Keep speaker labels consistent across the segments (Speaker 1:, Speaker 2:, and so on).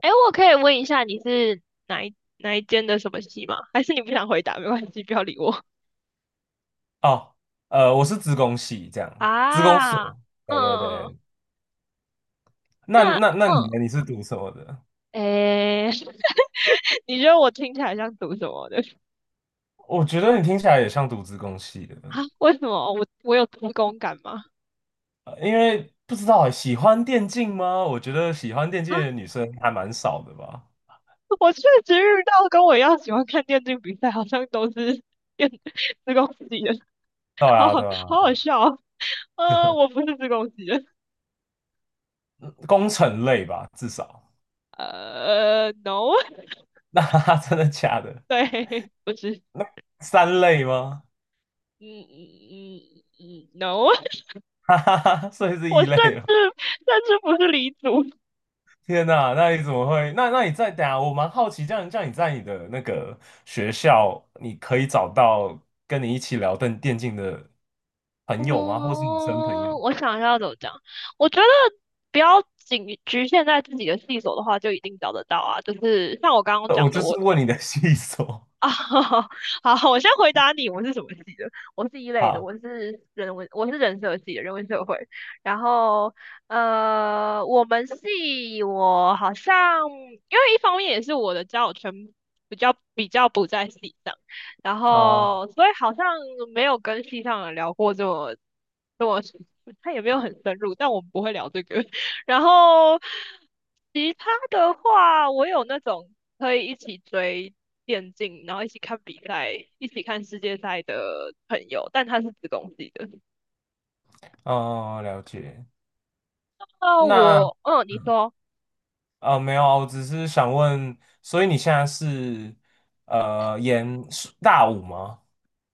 Speaker 1: 哎，我可以问一下你是哪一间的什么系吗？还是你不想回答？没关系，不要理我。
Speaker 2: 哦，我是资工系，这样，资工
Speaker 1: 啊，
Speaker 2: 所。对对
Speaker 1: 嗯，
Speaker 2: 对，那
Speaker 1: 那
Speaker 2: 你
Speaker 1: 嗯，
Speaker 2: 呢？你是读什么的？
Speaker 1: 哎，你觉得我听起来像读什么的？
Speaker 2: 我觉得你听起来也像读资工系的，
Speaker 1: 啊，为什么我有读工感吗？
Speaker 2: 因为不知道欸喜欢电竞吗？我觉得喜欢电
Speaker 1: 啊，
Speaker 2: 竞的女生还蛮少的吧。
Speaker 1: 我确实遇到跟我一样喜欢看电竞比赛，好像都是电 自贡系的，
Speaker 2: 对
Speaker 1: 好
Speaker 2: 啊，
Speaker 1: 好，
Speaker 2: 对啊，
Speaker 1: 好
Speaker 2: 对
Speaker 1: 好笑哦。我不是自贡系的，
Speaker 2: 工程类吧，至少。
Speaker 1: no，
Speaker 2: 那真的假的？
Speaker 1: 对，不是，
Speaker 2: 那三类吗？
Speaker 1: 嗯嗯嗯嗯嗯，no。
Speaker 2: 哈哈哈，所以 是
Speaker 1: 我
Speaker 2: 一
Speaker 1: 甚
Speaker 2: 类了。
Speaker 1: 至甚至不是离族。
Speaker 2: 天呐，那你怎么会？那你在等下，我蛮好奇，这样你在你的那个学校，你可以找到跟你一起聊电竞的朋友吗？或是女生朋友？
Speaker 1: 嗯，我想一下要怎么讲。我觉得不要仅局限在自己的细所的话，就一定找得到啊。就是像我刚刚
Speaker 2: 我
Speaker 1: 讲的，
Speaker 2: 就是
Speaker 1: 我
Speaker 2: 问你的细说。
Speaker 1: 啊，好，我先回答你，我是什么系的？我是一 类的，
Speaker 2: 好，
Speaker 1: 我是人文，我是人社系的，人文社会。然后，我们系我好像，因为一方面也是我的交友圈比较不在系上，然
Speaker 2: 哦
Speaker 1: 后所以好像没有跟系上的聊过这么，他也没有很深入，但我们不会聊这个。然后其他的话，我有那种可以一起追，电竞，然后一起看比赛，一起看世界赛的朋友，但他是子公系的。
Speaker 2: 哦，了解。
Speaker 1: 那
Speaker 2: 那
Speaker 1: 我，嗯，你说，
Speaker 2: 没有啊，我只是想问，所以你现在是呃研是大五吗？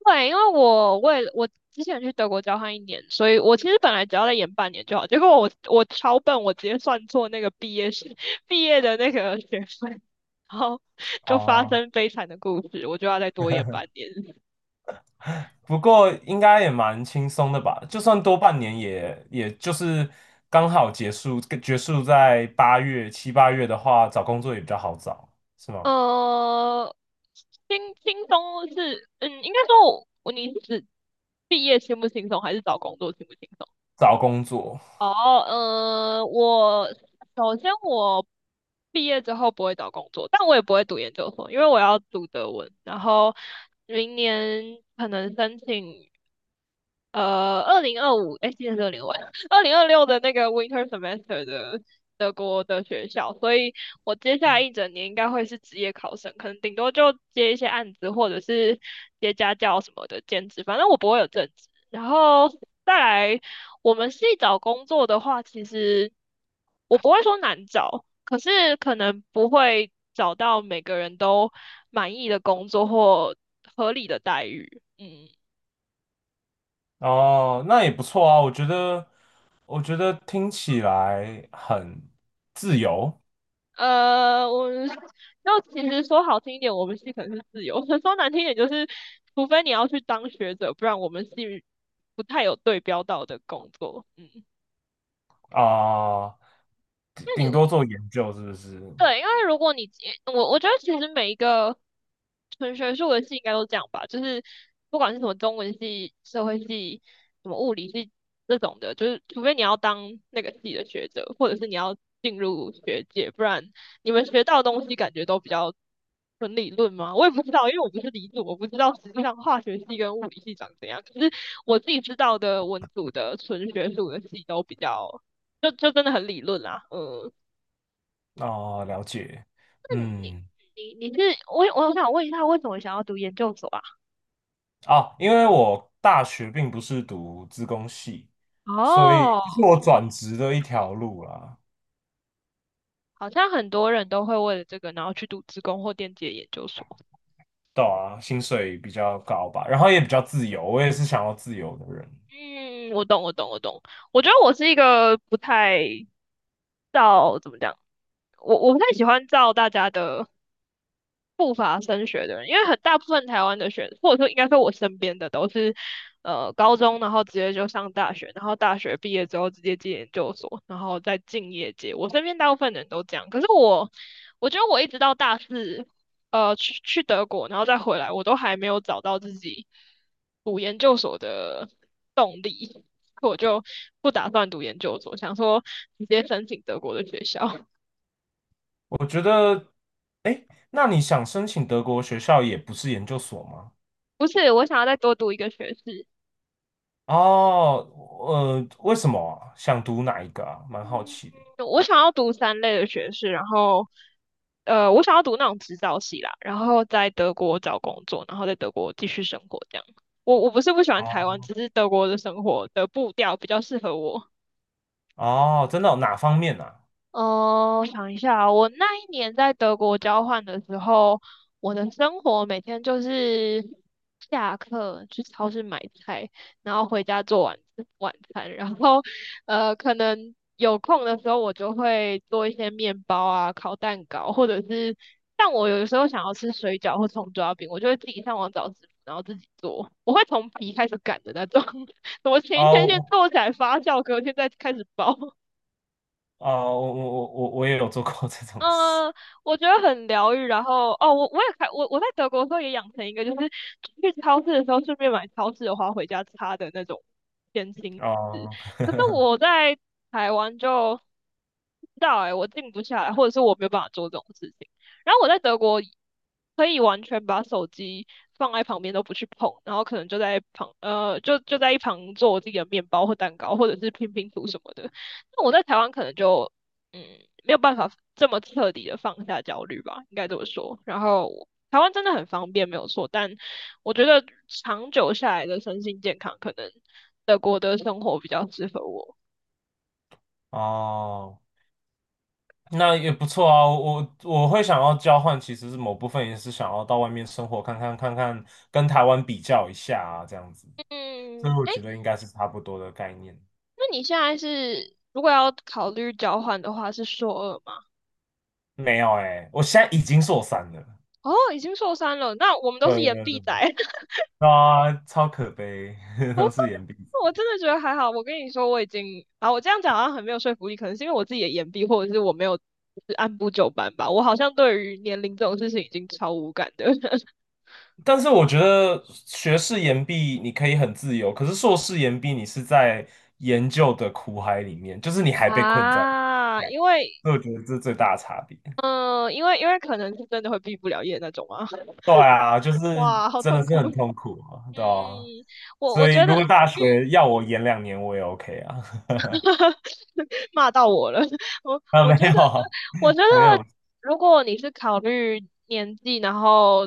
Speaker 1: 对，因为我为了我之前去德国交换一年，所以我其实本来只要再延半年就好，结果我超笨，我直接算错那个毕业是 毕业的那个学分，然后就发
Speaker 2: 哦，
Speaker 1: 生悲惨的故事，我就要再多延半年。
Speaker 2: 不过应该也蛮轻松的吧？就算多半年也，也就是刚好结束，结束在八月、7、8月的话，找工作也比较好找，是吗？
Speaker 1: 呃，轻轻松是，嗯，应该说我，你是指毕业轻不轻松，还是找工作轻不轻松？
Speaker 2: 找工作。
Speaker 1: 哦，我首先我毕业之后不会找工作，但我也不会读研究所，因为我要读德文，然后明年可能申请二零二五，哎，今年是二零二五2026的那个 winter semester 的德国的学校，所以我接下来一整年应该会是职业考生，可能顶多就接一些案子或者是接家教什么的兼职，反正我不会有正职，然后。再来我们系找工作的话，其实我不会说难找，可是可能不会找到每个人都满意的工作或合理的待遇。嗯，
Speaker 2: 哦，那也不错啊。我觉得，我觉得听起来很自由
Speaker 1: 我们要其实说好听一点，我们系可能是自由；说难听一点，就是除非你要去当学者，不然我们系不太有对标到的工作。嗯，
Speaker 2: 啊，顶
Speaker 1: 那你
Speaker 2: 顶多做研究是不是？
Speaker 1: 对，因为如果你我觉得其实每一个纯学术的系应该都这样吧，就是不管是什么中文系、社会系、什么物理系这种的，就是除非你要当那个系的学者，或者是你要进入学界，不然你们学到的东西感觉都比较纯理论吗？我也不知道，因为我不是理组，我不知道实际上化学系跟物理系长怎样。可是我自己知道的文组的纯学术的系都比较，就真的很理论啦，嗯。
Speaker 2: 哦，了解，
Speaker 1: 你
Speaker 2: 嗯。
Speaker 1: 你你是我想问一下，为什么想要读研究所啊？
Speaker 2: 啊，因为我大学并不是读资工系，所以
Speaker 1: 哦，
Speaker 2: 这是我转职的一条路啦。
Speaker 1: 好像很多人都会为了这个，然后去读职工或电机的研究所。
Speaker 2: 对啊，薪水比较高吧，然后也比较自由，我也是想要自由的人。
Speaker 1: 嗯，我懂，我懂，我懂。我觉得我是一个不太照怎么讲，我不太喜欢照大家的不乏升学的人，因为很大部分台湾的学，或者说应该说我身边的都是，高中然后直接就上大学，然后大学毕业之后直接进研究所，然后再进业界。我身边大部分人都这样，可是我，我觉得我一直到大四，去德国，然后再回来，我都还没有找到自己读研究所的动力，我就不打算读研究所，想说直接申请德国的学校。
Speaker 2: 我觉得，哎，那你想申请德国学校也不是研究所吗？
Speaker 1: 不是，我想要再多读一个学士。
Speaker 2: 哦，为什么啊想读哪一个啊？蛮好奇的。
Speaker 1: 我想要读三类的学士，然后我想要读那种指导系啦，然后在德国找工作，然后在德国继续生活这样。我不是不喜欢台湾，
Speaker 2: 哦，
Speaker 1: 只是德国的生活的步调比较适合我。
Speaker 2: 哦，真的哦哪方面啊？
Speaker 1: 哦，我想一下啊我那一年在德国交换的时候，我的生活每天就是下课去超市买菜，然后回家做晚餐，然后可能有空的时候我就会做一些面包啊、烤蛋糕，或者是像我有的时候想要吃水饺或葱抓饼，我就会自己上网找食谱，然后自己做，我会从皮开始擀的那种，我前一天
Speaker 2: 哦，
Speaker 1: 先
Speaker 2: 我
Speaker 1: 做起来发酵，隔天再开始包。
Speaker 2: 哦，我也有做过这种事。
Speaker 1: 嗯，我觉得很疗愈。然后哦，我我也开我我在德国的时候也养成一个，就是去超市的时候顺便买超市的花回家插的那种偏心纸。
Speaker 2: 哦，
Speaker 1: 可是我在台湾就不知道哎、我静不下来，或者是我没有办法做这种事情。然后我在德国可以完全把手机放在旁边都不去碰，然后可能就在一旁做我自己的面包或蛋糕，或者是拼拼图什么的。那我在台湾可能就嗯，没有办法这么彻底的放下焦虑吧，应该这么说。然后台湾真的很方便，没有错，但我觉得长久下来的身心健康，可能德国的生活比较适合我。
Speaker 2: 哦，那也不错啊，我我会想要交换，其实是某部分也是想要到外面生活看看，跟台湾比较一下啊，这样子，所以
Speaker 1: 嗯，
Speaker 2: 我
Speaker 1: 哎，
Speaker 2: 觉得应该是差不多的概念。
Speaker 1: 那你现在是如果要考虑交换的话，是硕二吗？
Speaker 2: 没有我现在已经硕三了，
Speaker 1: 哦，已经硕三了，那我们都是
Speaker 2: 对
Speaker 1: 延
Speaker 2: 对
Speaker 1: 毕仔。
Speaker 2: 对，啊，超可悲，都是延毕。
Speaker 1: 我真的觉得还好。我跟你说，我已经啊，我这样讲好像很没有说服力，可能是因为我自己的言必，或者是我没有就是按部就班吧。我好像对于年龄这种事情已经超无感的
Speaker 2: 但是我觉得学士研毕你可以很自由，可是硕士研毕你是在研究的苦海里面，就是你还被困在。
Speaker 1: 啊，
Speaker 2: 对，
Speaker 1: 因为
Speaker 2: 所以我觉得这是最大的差别。
Speaker 1: 嗯、呃因为因为可能是真的会毕不了业那种啊。
Speaker 2: 对啊，就是
Speaker 1: 哇，好
Speaker 2: 真的
Speaker 1: 痛
Speaker 2: 是
Speaker 1: 苦。
Speaker 2: 很痛苦啊，对
Speaker 1: 嗯
Speaker 2: 啊。
Speaker 1: 嗯，我
Speaker 2: 所以
Speaker 1: 觉得。
Speaker 2: 如果大学要我延2年，我也 OK 啊。
Speaker 1: 骂到我了。我
Speaker 2: 啊，
Speaker 1: 我
Speaker 2: 没
Speaker 1: 觉得，
Speaker 2: 有
Speaker 1: 我觉
Speaker 2: 没
Speaker 1: 得
Speaker 2: 有
Speaker 1: 如果你是考虑年纪，然后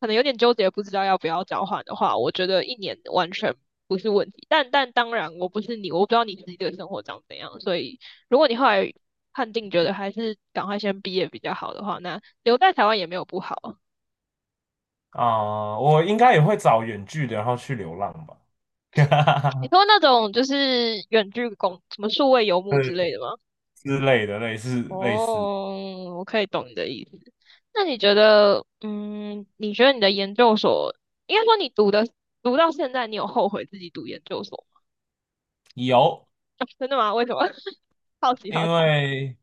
Speaker 1: 可能有点纠结，不知道要不要交换的话，我觉得一年完全不是问题。但当然，我不是你，我不知道你自己的生活长怎样，所以如果你后来判定觉得还是赶快先毕业比较好的话，那留在台湾也没有不好啊。
Speaker 2: 啊，我应该也会找远距的，然后去流浪吧，
Speaker 1: 你 说那种就是远距工，什么数位游牧
Speaker 2: 对
Speaker 1: 之类的吗？
Speaker 2: 之类的，类似。
Speaker 1: 哦，我可以懂你的意思。那你觉得，嗯，你觉得你的研究所，应该说你读到现在，你有后悔自己读研究所
Speaker 2: 有，
Speaker 1: 吗？真的吗？为什么？好奇
Speaker 2: 因
Speaker 1: 好奇。
Speaker 2: 为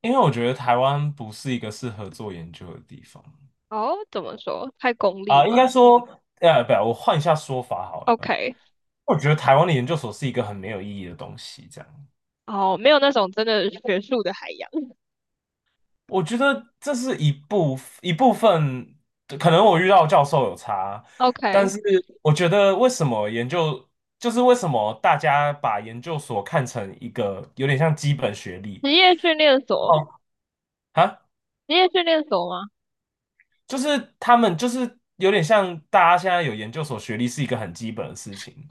Speaker 2: 因为我觉得台湾不是一个适合做研究的地方。
Speaker 1: 哦，怎么说？太功利
Speaker 2: 啊，应
Speaker 1: 吗
Speaker 2: 该说，不，我换一下说法好了，
Speaker 1: ？OK，
Speaker 2: 我觉得台湾的研究所是一个很没有意义的东西，这样。
Speaker 1: 哦，没有那种真的学术的海洋。
Speaker 2: 我觉得这是一部分，可能我遇到的教授有差，但
Speaker 1: OK，
Speaker 2: 是我觉得为什么研究，就是为什么大家把研究所看成一个有点像基本学历。
Speaker 1: 职业训练所，
Speaker 2: 哦，啊，
Speaker 1: 职业训练所吗？
Speaker 2: 就是他们就是有点像大家现在有研究所学历是一个很基本的事情，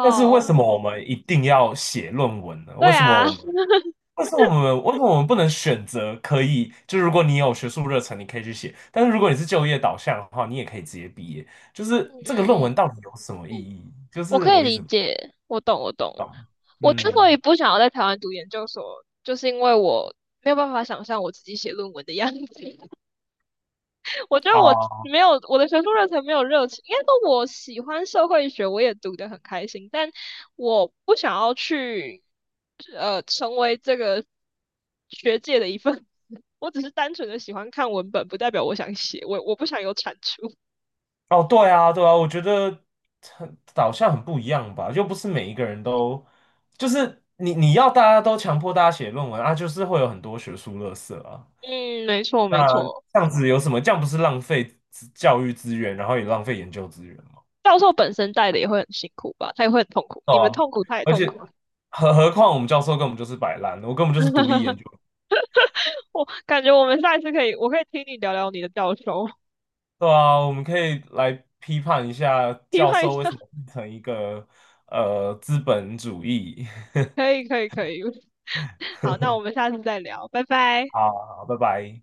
Speaker 2: 但是为什么我
Speaker 1: 嗯
Speaker 2: 们一定要写论文呢？
Speaker 1: 对啊，
Speaker 2: 为什么我们不能选择可以？就如果你有学术热忱，你可以去写；但是如果你是就业导向的话，你也可以直接毕业。就
Speaker 1: 嗯
Speaker 2: 是这个论文
Speaker 1: 嗯
Speaker 2: 到底有什么意义？就
Speaker 1: 我
Speaker 2: 是
Speaker 1: 可以
Speaker 2: 我一
Speaker 1: 理
Speaker 2: 直
Speaker 1: 解，我懂，我懂。我之所以
Speaker 2: 嗯
Speaker 1: 不想要在台湾读研究所，就是因为我没有办法想象我自己写论文的样子。我觉得我
Speaker 2: 啊
Speaker 1: 没有我的学术热忱，没有热情。应该说我喜欢社会学，我也读得很开心，但我不想要去成为这个学界的一份子。我只是单纯的喜欢看文本，不代表我想写，我不想有产出。
Speaker 2: 哦，对啊对啊，我觉得很导向很不一样吧，又不是每一个人都就是你要大家都强迫大家写论文啊，就是会有很多学术垃色啊。
Speaker 1: 嗯，没错，没
Speaker 2: 那
Speaker 1: 错。
Speaker 2: 这样子有什么？这样不是浪费资教育资源，然后也浪费研究资源。
Speaker 1: 教授本身带的也会很辛苦吧，他也会很痛苦，你们
Speaker 2: 哦，
Speaker 1: 痛苦，他也
Speaker 2: 而
Speaker 1: 痛
Speaker 2: 且
Speaker 1: 苦。
Speaker 2: 何况我们教授根本就是摆烂，我根本就是独立研 究。
Speaker 1: 我感觉我们下一次可以，我可以听你聊聊你的教授，
Speaker 2: 对啊，我们可以来批判一下
Speaker 1: 批
Speaker 2: 教
Speaker 1: 判一
Speaker 2: 授为
Speaker 1: 下，
Speaker 2: 什么变成一个资本主义。
Speaker 1: 可 以，可以，可以。好，那我们下次再聊，拜拜。
Speaker 2: 好好，拜拜。